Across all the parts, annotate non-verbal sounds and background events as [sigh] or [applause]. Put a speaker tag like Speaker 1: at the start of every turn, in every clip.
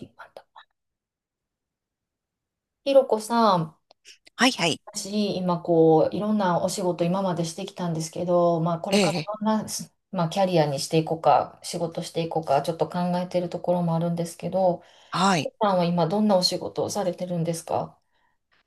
Speaker 1: 引っ張った。ひろこさん、
Speaker 2: はいはい。
Speaker 1: 私、今こう、いろんなお仕事今までしてきたんですけど、まあ、こ
Speaker 2: え
Speaker 1: れから
Speaker 2: え、
Speaker 1: どんな、まあ、キャリアにしていこうか、仕事していこうか、ちょっと考えてるところもあるんですけど、
Speaker 2: は
Speaker 1: ひろ
Speaker 2: い。
Speaker 1: こさんは今どんなお仕事をされてるんですか？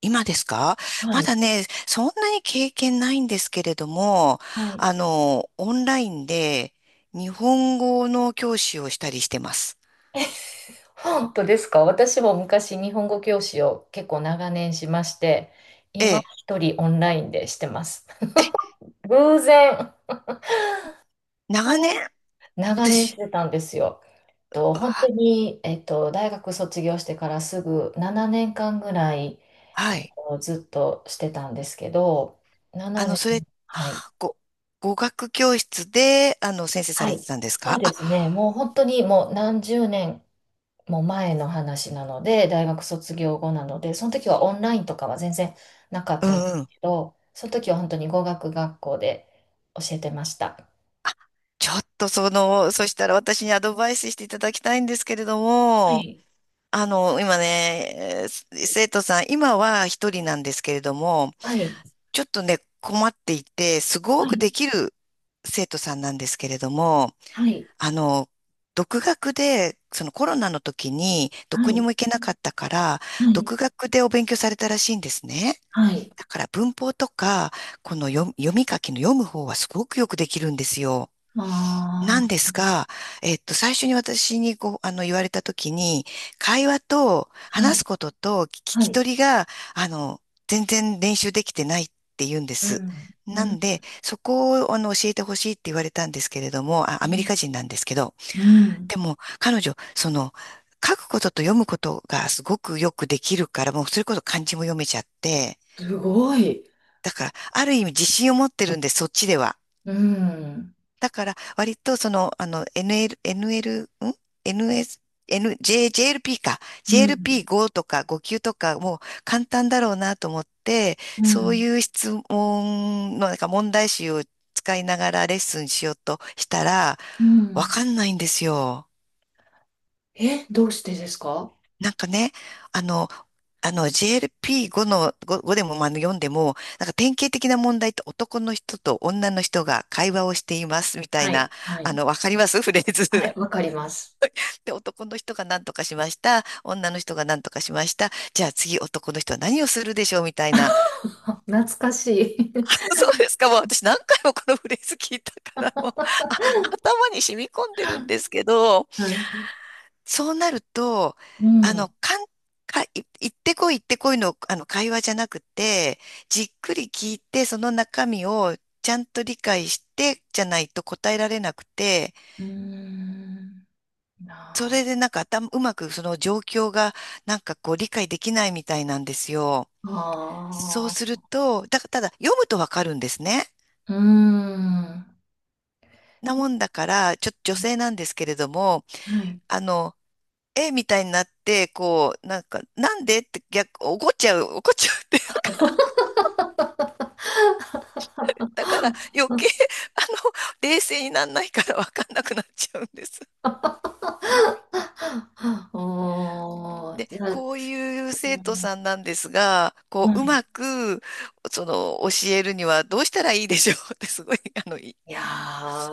Speaker 2: 今ですか？
Speaker 1: は
Speaker 2: ま
Speaker 1: い。
Speaker 2: だね、そんなに経験ないんですけれども、
Speaker 1: はい。
Speaker 2: オンラインで日本語の教師をしたりしてます。
Speaker 1: 本当ですか？私も昔日本語教師を結構長年しまして、
Speaker 2: え
Speaker 1: 今
Speaker 2: え、
Speaker 1: 一人オンラインでしてます。偶然。
Speaker 2: 長年。
Speaker 1: 長年し
Speaker 2: 私、
Speaker 1: てたんですよ。
Speaker 2: う
Speaker 1: 本当
Speaker 2: わ。
Speaker 1: に、大学卒業してからすぐ7年間ぐらい、え
Speaker 2: は
Speaker 1: っ
Speaker 2: い。
Speaker 1: ずっとしてたんですけど、
Speaker 2: あ
Speaker 1: 7
Speaker 2: の、それ、
Speaker 1: 年、はい、
Speaker 2: はあご、語学教室で、先生さ
Speaker 1: は
Speaker 2: れて
Speaker 1: い、
Speaker 2: たんです
Speaker 1: そう
Speaker 2: か
Speaker 1: で
Speaker 2: あ？
Speaker 1: すね、もう本当にもう何十年も前の話なので、大学卒業後なので、その時はオンラインとかは全然なかっ
Speaker 2: う
Speaker 1: たんです
Speaker 2: んうん。
Speaker 1: けど、その時は本当に語学学校で教えてました。
Speaker 2: ちょっとその、そしたら私にアドバイスしていただきたいんですけれど
Speaker 1: は
Speaker 2: も、
Speaker 1: い、
Speaker 2: 今ね、生徒さん、今は一人なんですけれども、
Speaker 1: はい、
Speaker 2: ちょっとね、困っていて、すご
Speaker 1: は
Speaker 2: くで
Speaker 1: い、
Speaker 2: きる生徒さんなんですけれども、
Speaker 1: はい、
Speaker 2: あの、独学で、そのコロナの時にど
Speaker 1: は
Speaker 2: こに
Speaker 1: い、
Speaker 2: も行けなかったから、
Speaker 1: はい。はい
Speaker 2: 独学でお勉強されたらしいんですね。
Speaker 1: はい。
Speaker 2: だから文法とか、この読み、読み書きの読む方はすごくよくできるんですよ。な
Speaker 1: あ
Speaker 2: んですが、最初に私にこう、言われたときに、会話と
Speaker 1: あ、は
Speaker 2: 話す
Speaker 1: い、
Speaker 2: ことと聞
Speaker 1: は
Speaker 2: き
Speaker 1: い。
Speaker 2: 取りが、あの、全然練習できてないって言うんで
Speaker 1: う
Speaker 2: す。
Speaker 1: ん、う
Speaker 2: な
Speaker 1: ん、
Speaker 2: んで、そこを、教えてほしいって言われたんですけれども、あ、アメリカ人なんですけど、
Speaker 1: うん、
Speaker 2: でも、彼女、その、書くことと読むことがすごくよくできるから、もうそれこそ漢字も読めちゃって、
Speaker 1: すごい。
Speaker 2: だから、ある意味自信を持ってるんで、そっちでは。
Speaker 1: うん、
Speaker 2: だから、割とその、NL、NL、ん ?NS、N、J、JLP か。
Speaker 1: うん、
Speaker 2: JLP5 とか5級とかもう簡単だろうなと思って、
Speaker 1: う
Speaker 2: そう
Speaker 1: ん、
Speaker 2: いう質問の、なんか問題集を使いながらレッスンしようとしたら、
Speaker 1: う
Speaker 2: わ
Speaker 1: ん。
Speaker 2: かんないんですよ。
Speaker 1: え、どうしてですか？
Speaker 2: なんかね、あの、あの、 JLP5 の、5でもまあ読んでも、なんか典型的な問題って男の人と女の人が会話をしていますみたい
Speaker 1: は
Speaker 2: な、
Speaker 1: い、はい。
Speaker 2: わかりますフレー
Speaker 1: は
Speaker 2: ズ。
Speaker 1: い、わかります。
Speaker 2: で、男の人が何とかしました。女の人が何とかしました。じゃあ次男の人は何をするでしょうみたいな。
Speaker 1: [laughs] 懐かしい。
Speaker 2: [laughs] そうですか。もう私何回もこのフレーズ聞いたから、もう、あ、頭に染み込んでるんですけど、
Speaker 1: [laughs] はい。
Speaker 2: そうなると、
Speaker 1: うん、
Speaker 2: あ
Speaker 1: う
Speaker 2: の、かん、か、い行ってこい行ってこいの、会話じゃなくて、じっくり聞いて、その中身をちゃんと理解して、じゃないと答えられなくて、
Speaker 1: ーん、
Speaker 2: そ
Speaker 1: な
Speaker 2: れでなんか頭、うまくその状況がなんかこう理解できないみたいなんですよ。そう
Speaker 1: あ、
Speaker 2: す
Speaker 1: あ
Speaker 2: ると、ただ読むとわかるんですね。
Speaker 1: ーうーん、
Speaker 2: なもんだから、ちょっと女性なんですけれども、
Speaker 1: はい。
Speaker 2: あの、えみたいになって、こう、なんか、なんでって逆、怒っちゃうっていうか、だから余計、あの、冷静になんないからわかんなくなっちゃうんです。
Speaker 1: あおー、
Speaker 2: で、
Speaker 1: じゃあ、
Speaker 2: こういう
Speaker 1: う
Speaker 2: 生徒
Speaker 1: ん
Speaker 2: さんなんですが、こ
Speaker 1: は
Speaker 2: う、う
Speaker 1: い。
Speaker 2: まく、その、教えるにはどうしたらいいでしょうって、すごい、あの、い
Speaker 1: いや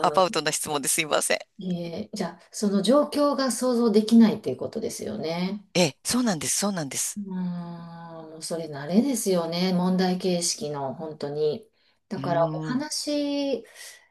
Speaker 2: アバウトな質問ですいません。
Speaker 1: じゃあ、その状況が想像できないっていうことですよね。
Speaker 2: ええ、そうなんです、そうなんで
Speaker 1: う
Speaker 2: す。
Speaker 1: ーん、もうそれ慣れですよね。問題形式の、本当に。だ
Speaker 2: う
Speaker 1: から、お
Speaker 2: ーん。
Speaker 1: 話、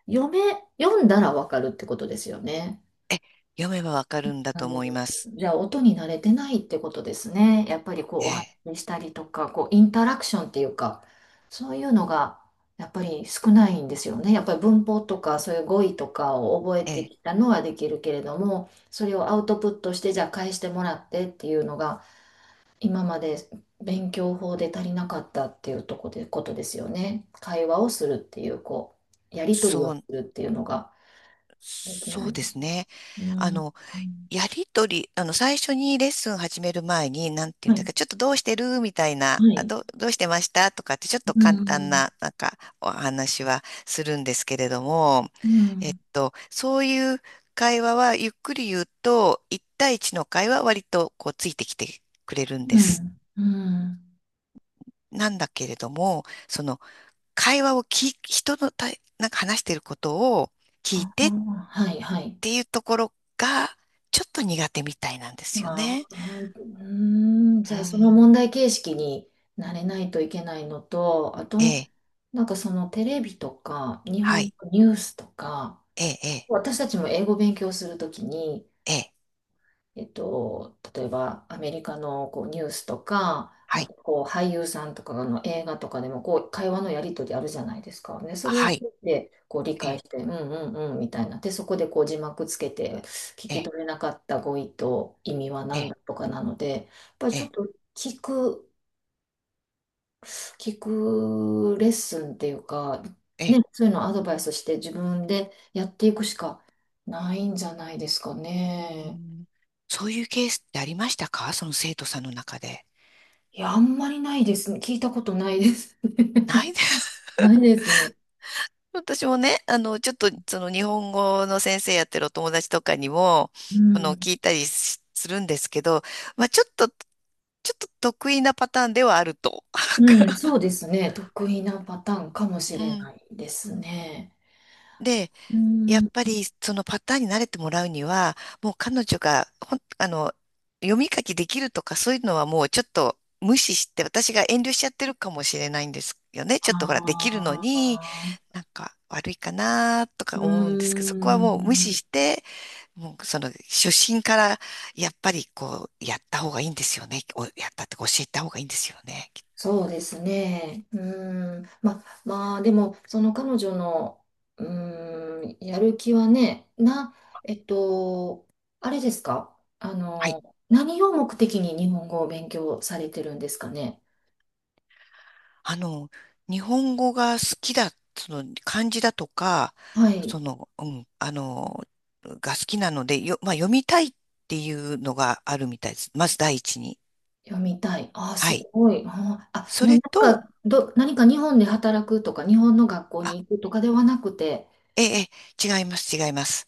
Speaker 1: 読め、読んだらわかるってことですよね。
Speaker 2: え、読めばわかるんだ
Speaker 1: あ
Speaker 2: と
Speaker 1: の、
Speaker 2: 思います。
Speaker 1: じゃあ音に慣れてないってことですね。やっぱりこう
Speaker 2: え
Speaker 1: お話
Speaker 2: え、
Speaker 1: ししたりとか、こうインタラクションっていうか、そういうのがやっぱり少ないんですよね。やっぱり文法とかそういう語彙とかを覚え
Speaker 2: え
Speaker 1: て
Speaker 2: え、
Speaker 1: きたのはできるけれども、それをアウトプットしてじゃあ返してもらってっていうのが今まで勉強法で足りなかったっていうとこで、ことですよね。会話をするっていう、こう、やり取り
Speaker 2: そ
Speaker 1: を
Speaker 2: う、
Speaker 1: するっていうのができ
Speaker 2: そ
Speaker 1: な
Speaker 2: う
Speaker 1: い
Speaker 2: で
Speaker 1: です。
Speaker 2: すね。
Speaker 1: う
Speaker 2: あ
Speaker 1: ん。
Speaker 2: の、
Speaker 1: うん
Speaker 2: やりとり、最初にレッスン始める前に、なんてい
Speaker 1: は
Speaker 2: うんだっ
Speaker 1: い。
Speaker 2: け、ちょっとどうしてるみたいな、
Speaker 1: はい。
Speaker 2: どうしてましたとかって、ちょっと
Speaker 1: う
Speaker 2: 簡単
Speaker 1: ん、
Speaker 2: な、なんか、お話はするんですけれども、
Speaker 1: うん、
Speaker 2: そういう会話は、ゆっくり言うと、一対一の会話は割と、こう、ついてきてくれるんで
Speaker 1: う
Speaker 2: す。
Speaker 1: ん、うん。
Speaker 2: なんだけれども、その、会話を聞い、人のたい、なんか話してることを聞い
Speaker 1: ああ、
Speaker 2: てっ
Speaker 1: はい、はい。
Speaker 2: ていうところが、ちょっと苦手みたいなんですよ
Speaker 1: あ
Speaker 2: ね。
Speaker 1: あ、うーん、じ
Speaker 2: う
Speaker 1: ゃあその
Speaker 2: ん。
Speaker 1: 問題形式になれないといけないのと、あ
Speaker 2: え
Speaker 1: と、
Speaker 2: え、
Speaker 1: なんかそのテレビとか、日
Speaker 2: は
Speaker 1: 本
Speaker 2: い、
Speaker 1: のニュースとか、
Speaker 2: ええ、え
Speaker 1: 私たちも英語勉強するときに、
Speaker 2: え、ええ、
Speaker 1: 例えばアメリカのこうニュースとか、
Speaker 2: は
Speaker 1: あ
Speaker 2: い、
Speaker 1: とこう俳優さんとかの映画とかでもこう会話のやり取りあるじゃないですか。ねそれを聞
Speaker 2: は
Speaker 1: い
Speaker 2: い、
Speaker 1: てこう理
Speaker 2: え
Speaker 1: 解
Speaker 2: え、
Speaker 1: して、うんうんうんみたいな。で、そこでこう字幕つけて聞
Speaker 2: え
Speaker 1: き
Speaker 2: え、
Speaker 1: 取れなかった語彙と意味は
Speaker 2: え
Speaker 1: 何
Speaker 2: え、
Speaker 1: だとかなので、やっぱり
Speaker 2: え
Speaker 1: ちょっ
Speaker 2: え、
Speaker 1: と聞く、聞くレッスンっていうか、
Speaker 2: え
Speaker 1: ね、
Speaker 2: え、
Speaker 1: そういうのをアドバイスして自分でやっていくしかないんじゃないですか
Speaker 2: うー
Speaker 1: ね。
Speaker 2: ん。そういうケースってありましたか？その生徒さんの中で。
Speaker 1: いや、あんまりないですね。聞いたことないです
Speaker 2: な
Speaker 1: ね。
Speaker 2: いです。
Speaker 1: [laughs] ないですね。
Speaker 2: [laughs] 私もね、ちょっとその日本語の先生やってるお友達とかにも、
Speaker 1: うん。
Speaker 2: 聞いたりしするんですけど、まあ、ちょっと得意なパターンではあると。
Speaker 1: うん、
Speaker 2: [laughs]
Speaker 1: そうですね。得意なパターンかもし
Speaker 2: う
Speaker 1: れ
Speaker 2: ん。
Speaker 1: ないですね。
Speaker 2: で
Speaker 1: う
Speaker 2: やっ
Speaker 1: ん。
Speaker 2: ぱりそのパターンに慣れてもらうには、もう彼女がほん、読み書きできるとかそういうのはもうちょっと無視して、私が遠慮しちゃってるかもしれないんですよね。ちょっとほら、できるの
Speaker 1: あ
Speaker 2: に、
Speaker 1: あ、
Speaker 2: なんか悪いかなとか
Speaker 1: う
Speaker 2: 思うんですけど、そこはもう無
Speaker 1: ん。
Speaker 2: 視して、もうその初心からやっぱりこう、やった方がいいんですよね。おやったってか教えた方がいいんですよね。
Speaker 1: そうですね。うん。まあ、でも、その彼女の、うん、やる気はね、な、えっと、あれですか？あ
Speaker 2: はい。
Speaker 1: の、何を目的に日本語を勉強されてるんですかね？
Speaker 2: あの、日本語が好きだ、その漢字だとか、
Speaker 1: はい。
Speaker 2: その、うん、あの、が好きなので、まあ、読みたいっていうのがあるみたいです。まず第一に。
Speaker 1: 読みたい。ああ、
Speaker 2: は
Speaker 1: す
Speaker 2: い。
Speaker 1: ごい。
Speaker 2: そ
Speaker 1: もうな
Speaker 2: れ
Speaker 1: ん
Speaker 2: と、
Speaker 1: か、何か日本で働くとか、日本の学校
Speaker 2: あ、
Speaker 1: に行くとかではなくて。
Speaker 2: ええ、ええ、違います、違います。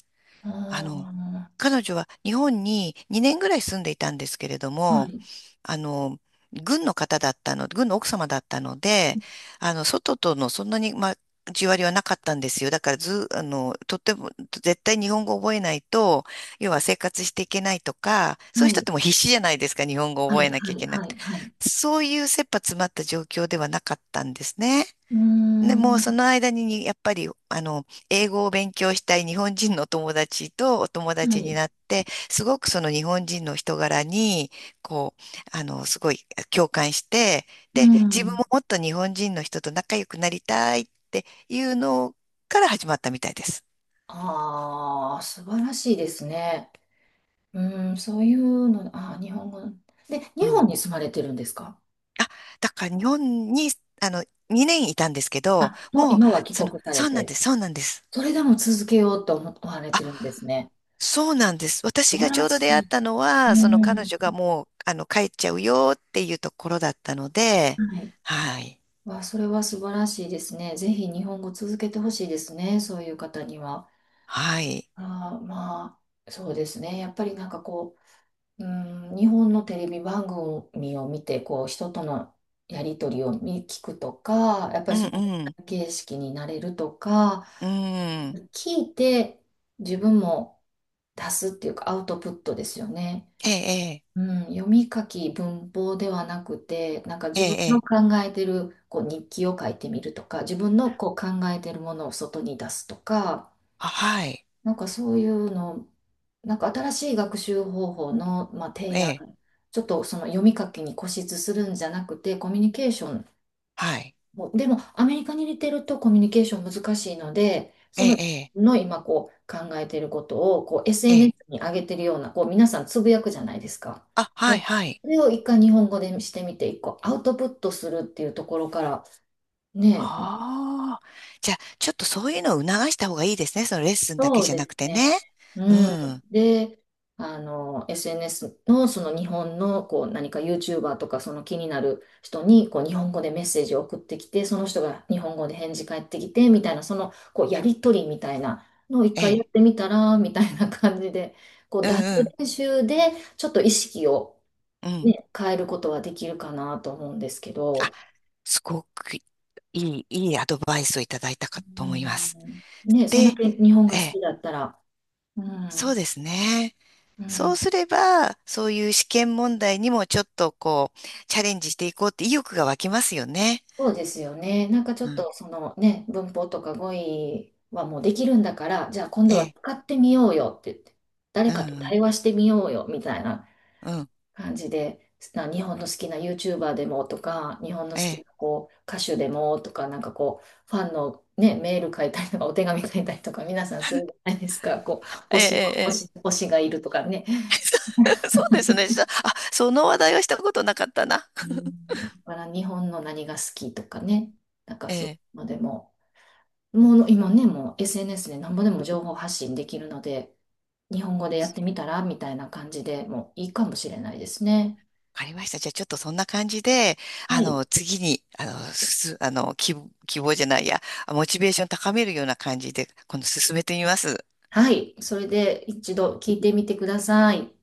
Speaker 2: あの、
Speaker 1: あ
Speaker 2: 彼女は日本に2年ぐらい住んでいたんですけれど
Speaker 1: あ、は
Speaker 2: も、
Speaker 1: い、
Speaker 2: あの、軍の奥様だったので、外とのそんなに、まあ、交わりはなかったんですよ。だからず、とっても、絶対日本語を覚えないと、要は生活していけないとか、そう
Speaker 1: は
Speaker 2: いう人っ
Speaker 1: い、
Speaker 2: てもう必死じゃないですか、日本語を
Speaker 1: は
Speaker 2: 覚え
Speaker 1: い、
Speaker 2: なきゃ
Speaker 1: は
Speaker 2: い
Speaker 1: い、
Speaker 2: けな
Speaker 1: は
Speaker 2: く
Speaker 1: い、
Speaker 2: て。
Speaker 1: はい。
Speaker 2: そういう切羽詰まった状況ではなかったんですね。
Speaker 1: うー
Speaker 2: でも、そ
Speaker 1: ん、
Speaker 2: の間にに、やっぱり、英語を勉強したい日本人のお友達とお友
Speaker 1: は
Speaker 2: 達に
Speaker 1: い、
Speaker 2: なって、すごくその日本人の人柄に、こう、すごい共感して、
Speaker 1: う
Speaker 2: で、自分
Speaker 1: ん。
Speaker 2: ももっと日本人の人と仲良くなりたいっていうのから始まったみたいです。
Speaker 1: ああ、素晴らしいですね。うん、そういうの、ああ、日本語。で、
Speaker 2: う
Speaker 1: 日本
Speaker 2: ん。
Speaker 1: に住まれてるんですか？
Speaker 2: あ、だから日本に、あの、2年いたんですけど、
Speaker 1: あ、もう
Speaker 2: もう、
Speaker 1: 今は帰
Speaker 2: その、
Speaker 1: 国され
Speaker 2: そうなん
Speaker 1: て、
Speaker 2: です、そうなんです。
Speaker 1: それでも続けようと思われてるん
Speaker 2: あ、
Speaker 1: ですね。
Speaker 2: そうなんです。
Speaker 1: 素
Speaker 2: 私
Speaker 1: 晴
Speaker 2: がち
Speaker 1: ら
Speaker 2: ょうど出
Speaker 1: し
Speaker 2: 会っ
Speaker 1: い。
Speaker 2: たのは、その
Speaker 1: う
Speaker 2: 彼
Speaker 1: ん、
Speaker 2: 女がもう、帰っちゃうよっていうところだったので、
Speaker 1: はい。
Speaker 2: はい。
Speaker 1: わ、それは素晴らしいですね。ぜひ日本語続けてほしいですね。そういう方には。
Speaker 2: はい。
Speaker 1: あー、まあ、そうですね。やっぱりなんかこう、うん、日本のテレビ番組を見て、こう、人とのやりとりを見聞くとか、やっぱ
Speaker 2: う
Speaker 1: り
Speaker 2: ん
Speaker 1: その
Speaker 2: うん。
Speaker 1: 形式になれるとか、
Speaker 2: うん。
Speaker 1: 聞いて自分も出すっていうかアウトプットですよね。
Speaker 2: ええ、
Speaker 1: うん、読み書き文法ではなくて、なんか
Speaker 2: ええ、
Speaker 1: 自分
Speaker 2: え
Speaker 1: の
Speaker 2: え。
Speaker 1: 考えてるこう日記を書いてみるとか、自分のこう考えてるものを外に出すとか、
Speaker 2: あ、はい。
Speaker 1: なんかそういうの、なんか新しい学習方法の、まあ、
Speaker 2: え
Speaker 1: 提案、
Speaker 2: え、
Speaker 1: ちょっとその読み書きに固執するんじゃなくて、コミュニケーション
Speaker 2: はい。
Speaker 1: もうでも、アメリカに似てるとコミュニケーション難しいので、
Speaker 2: え
Speaker 1: その、
Speaker 2: え、
Speaker 1: の今こう考えていることをこう
Speaker 2: ええ。
Speaker 1: SNS
Speaker 2: ええ、
Speaker 1: に上げてるような、こう皆さんつぶやくじゃないですか。
Speaker 2: あ、は
Speaker 1: は
Speaker 2: い、
Speaker 1: い
Speaker 2: はい。
Speaker 1: それを一回日本語でしてみて、一個アウトプットするっていうところからね、
Speaker 2: ああ。じゃあ、ちょっとそういうのを促した方がいいですね。そのレッスンだけ
Speaker 1: そう
Speaker 2: じゃ
Speaker 1: で
Speaker 2: な
Speaker 1: す
Speaker 2: くて
Speaker 1: ね。
Speaker 2: ね。う
Speaker 1: うん。
Speaker 2: ん。
Speaker 1: で、あの、SNS のその日本のこう何か YouTuber とかその気になる人にこう日本語でメッセージを送ってきて、その人が日本語で返事返ってきてみたいな、そのこうやりとりみたいなのを一
Speaker 2: え
Speaker 1: 回やっ
Speaker 2: え。
Speaker 1: てみたらみたいな感じで、こう
Speaker 2: う
Speaker 1: 脱
Speaker 2: んうん。
Speaker 1: 練習でちょっと意識を、
Speaker 2: うん。
Speaker 1: ね、変えることはできるかなと思うんですけ
Speaker 2: あ、
Speaker 1: ど、
Speaker 2: すごくいい、いいアドバイスをいただいたかと
Speaker 1: う
Speaker 2: 思います。
Speaker 1: ん、ね、そんだ
Speaker 2: で、
Speaker 1: け日本
Speaker 2: え
Speaker 1: が好
Speaker 2: え、
Speaker 1: きだったら、う
Speaker 2: そう
Speaker 1: ん、
Speaker 2: ですね。
Speaker 1: う
Speaker 2: そう
Speaker 1: ん
Speaker 2: すれば、そういう試験問題にもちょっとこう、チャレンジしていこうって意欲が湧きますよね。
Speaker 1: そうですよね。なんかちょ
Speaker 2: う
Speaker 1: っ
Speaker 2: ん。
Speaker 1: とそのね、文法とか語彙はもうできるんだから、じゃあ今度
Speaker 2: え
Speaker 1: は
Speaker 2: え、
Speaker 1: 使ってみようよって言って、誰
Speaker 2: う
Speaker 1: かと
Speaker 2: ん、
Speaker 1: 対話してみようよみたいな
Speaker 2: うん、うん、
Speaker 1: 感じで、日本の好きな YouTuber でもとか、日本の
Speaker 2: え
Speaker 1: 好きな
Speaker 2: え、
Speaker 1: こう歌手でもとか、なんかこう、ファンの、ね、メール書いたりとか、お手紙書いたりとか、皆さんするじゃないですか、こう、
Speaker 2: え
Speaker 1: 推
Speaker 2: え、
Speaker 1: しの、推
Speaker 2: え
Speaker 1: し、推しがいるとかね。
Speaker 2: え。[laughs] そうですね。したあ、その話題はしたことなかったな。
Speaker 1: う
Speaker 2: [laughs]
Speaker 1: んだから日本の何が好きとかね、なんか
Speaker 2: え
Speaker 1: そうい
Speaker 2: え、
Speaker 1: うのでも。もう今ね、もう SNS でなんぼでも情報発信できるので、日本語でやってみたらみたいな感じでもういいかもしれないですね。
Speaker 2: わかりました。じゃあちょっとそんな感じで、
Speaker 1: はい。
Speaker 2: 次に、あの、すす、希望、希望じゃないや、モチベーション高めるような感じで、今度進めてみます。
Speaker 1: はい。それで一度聞いてみてください。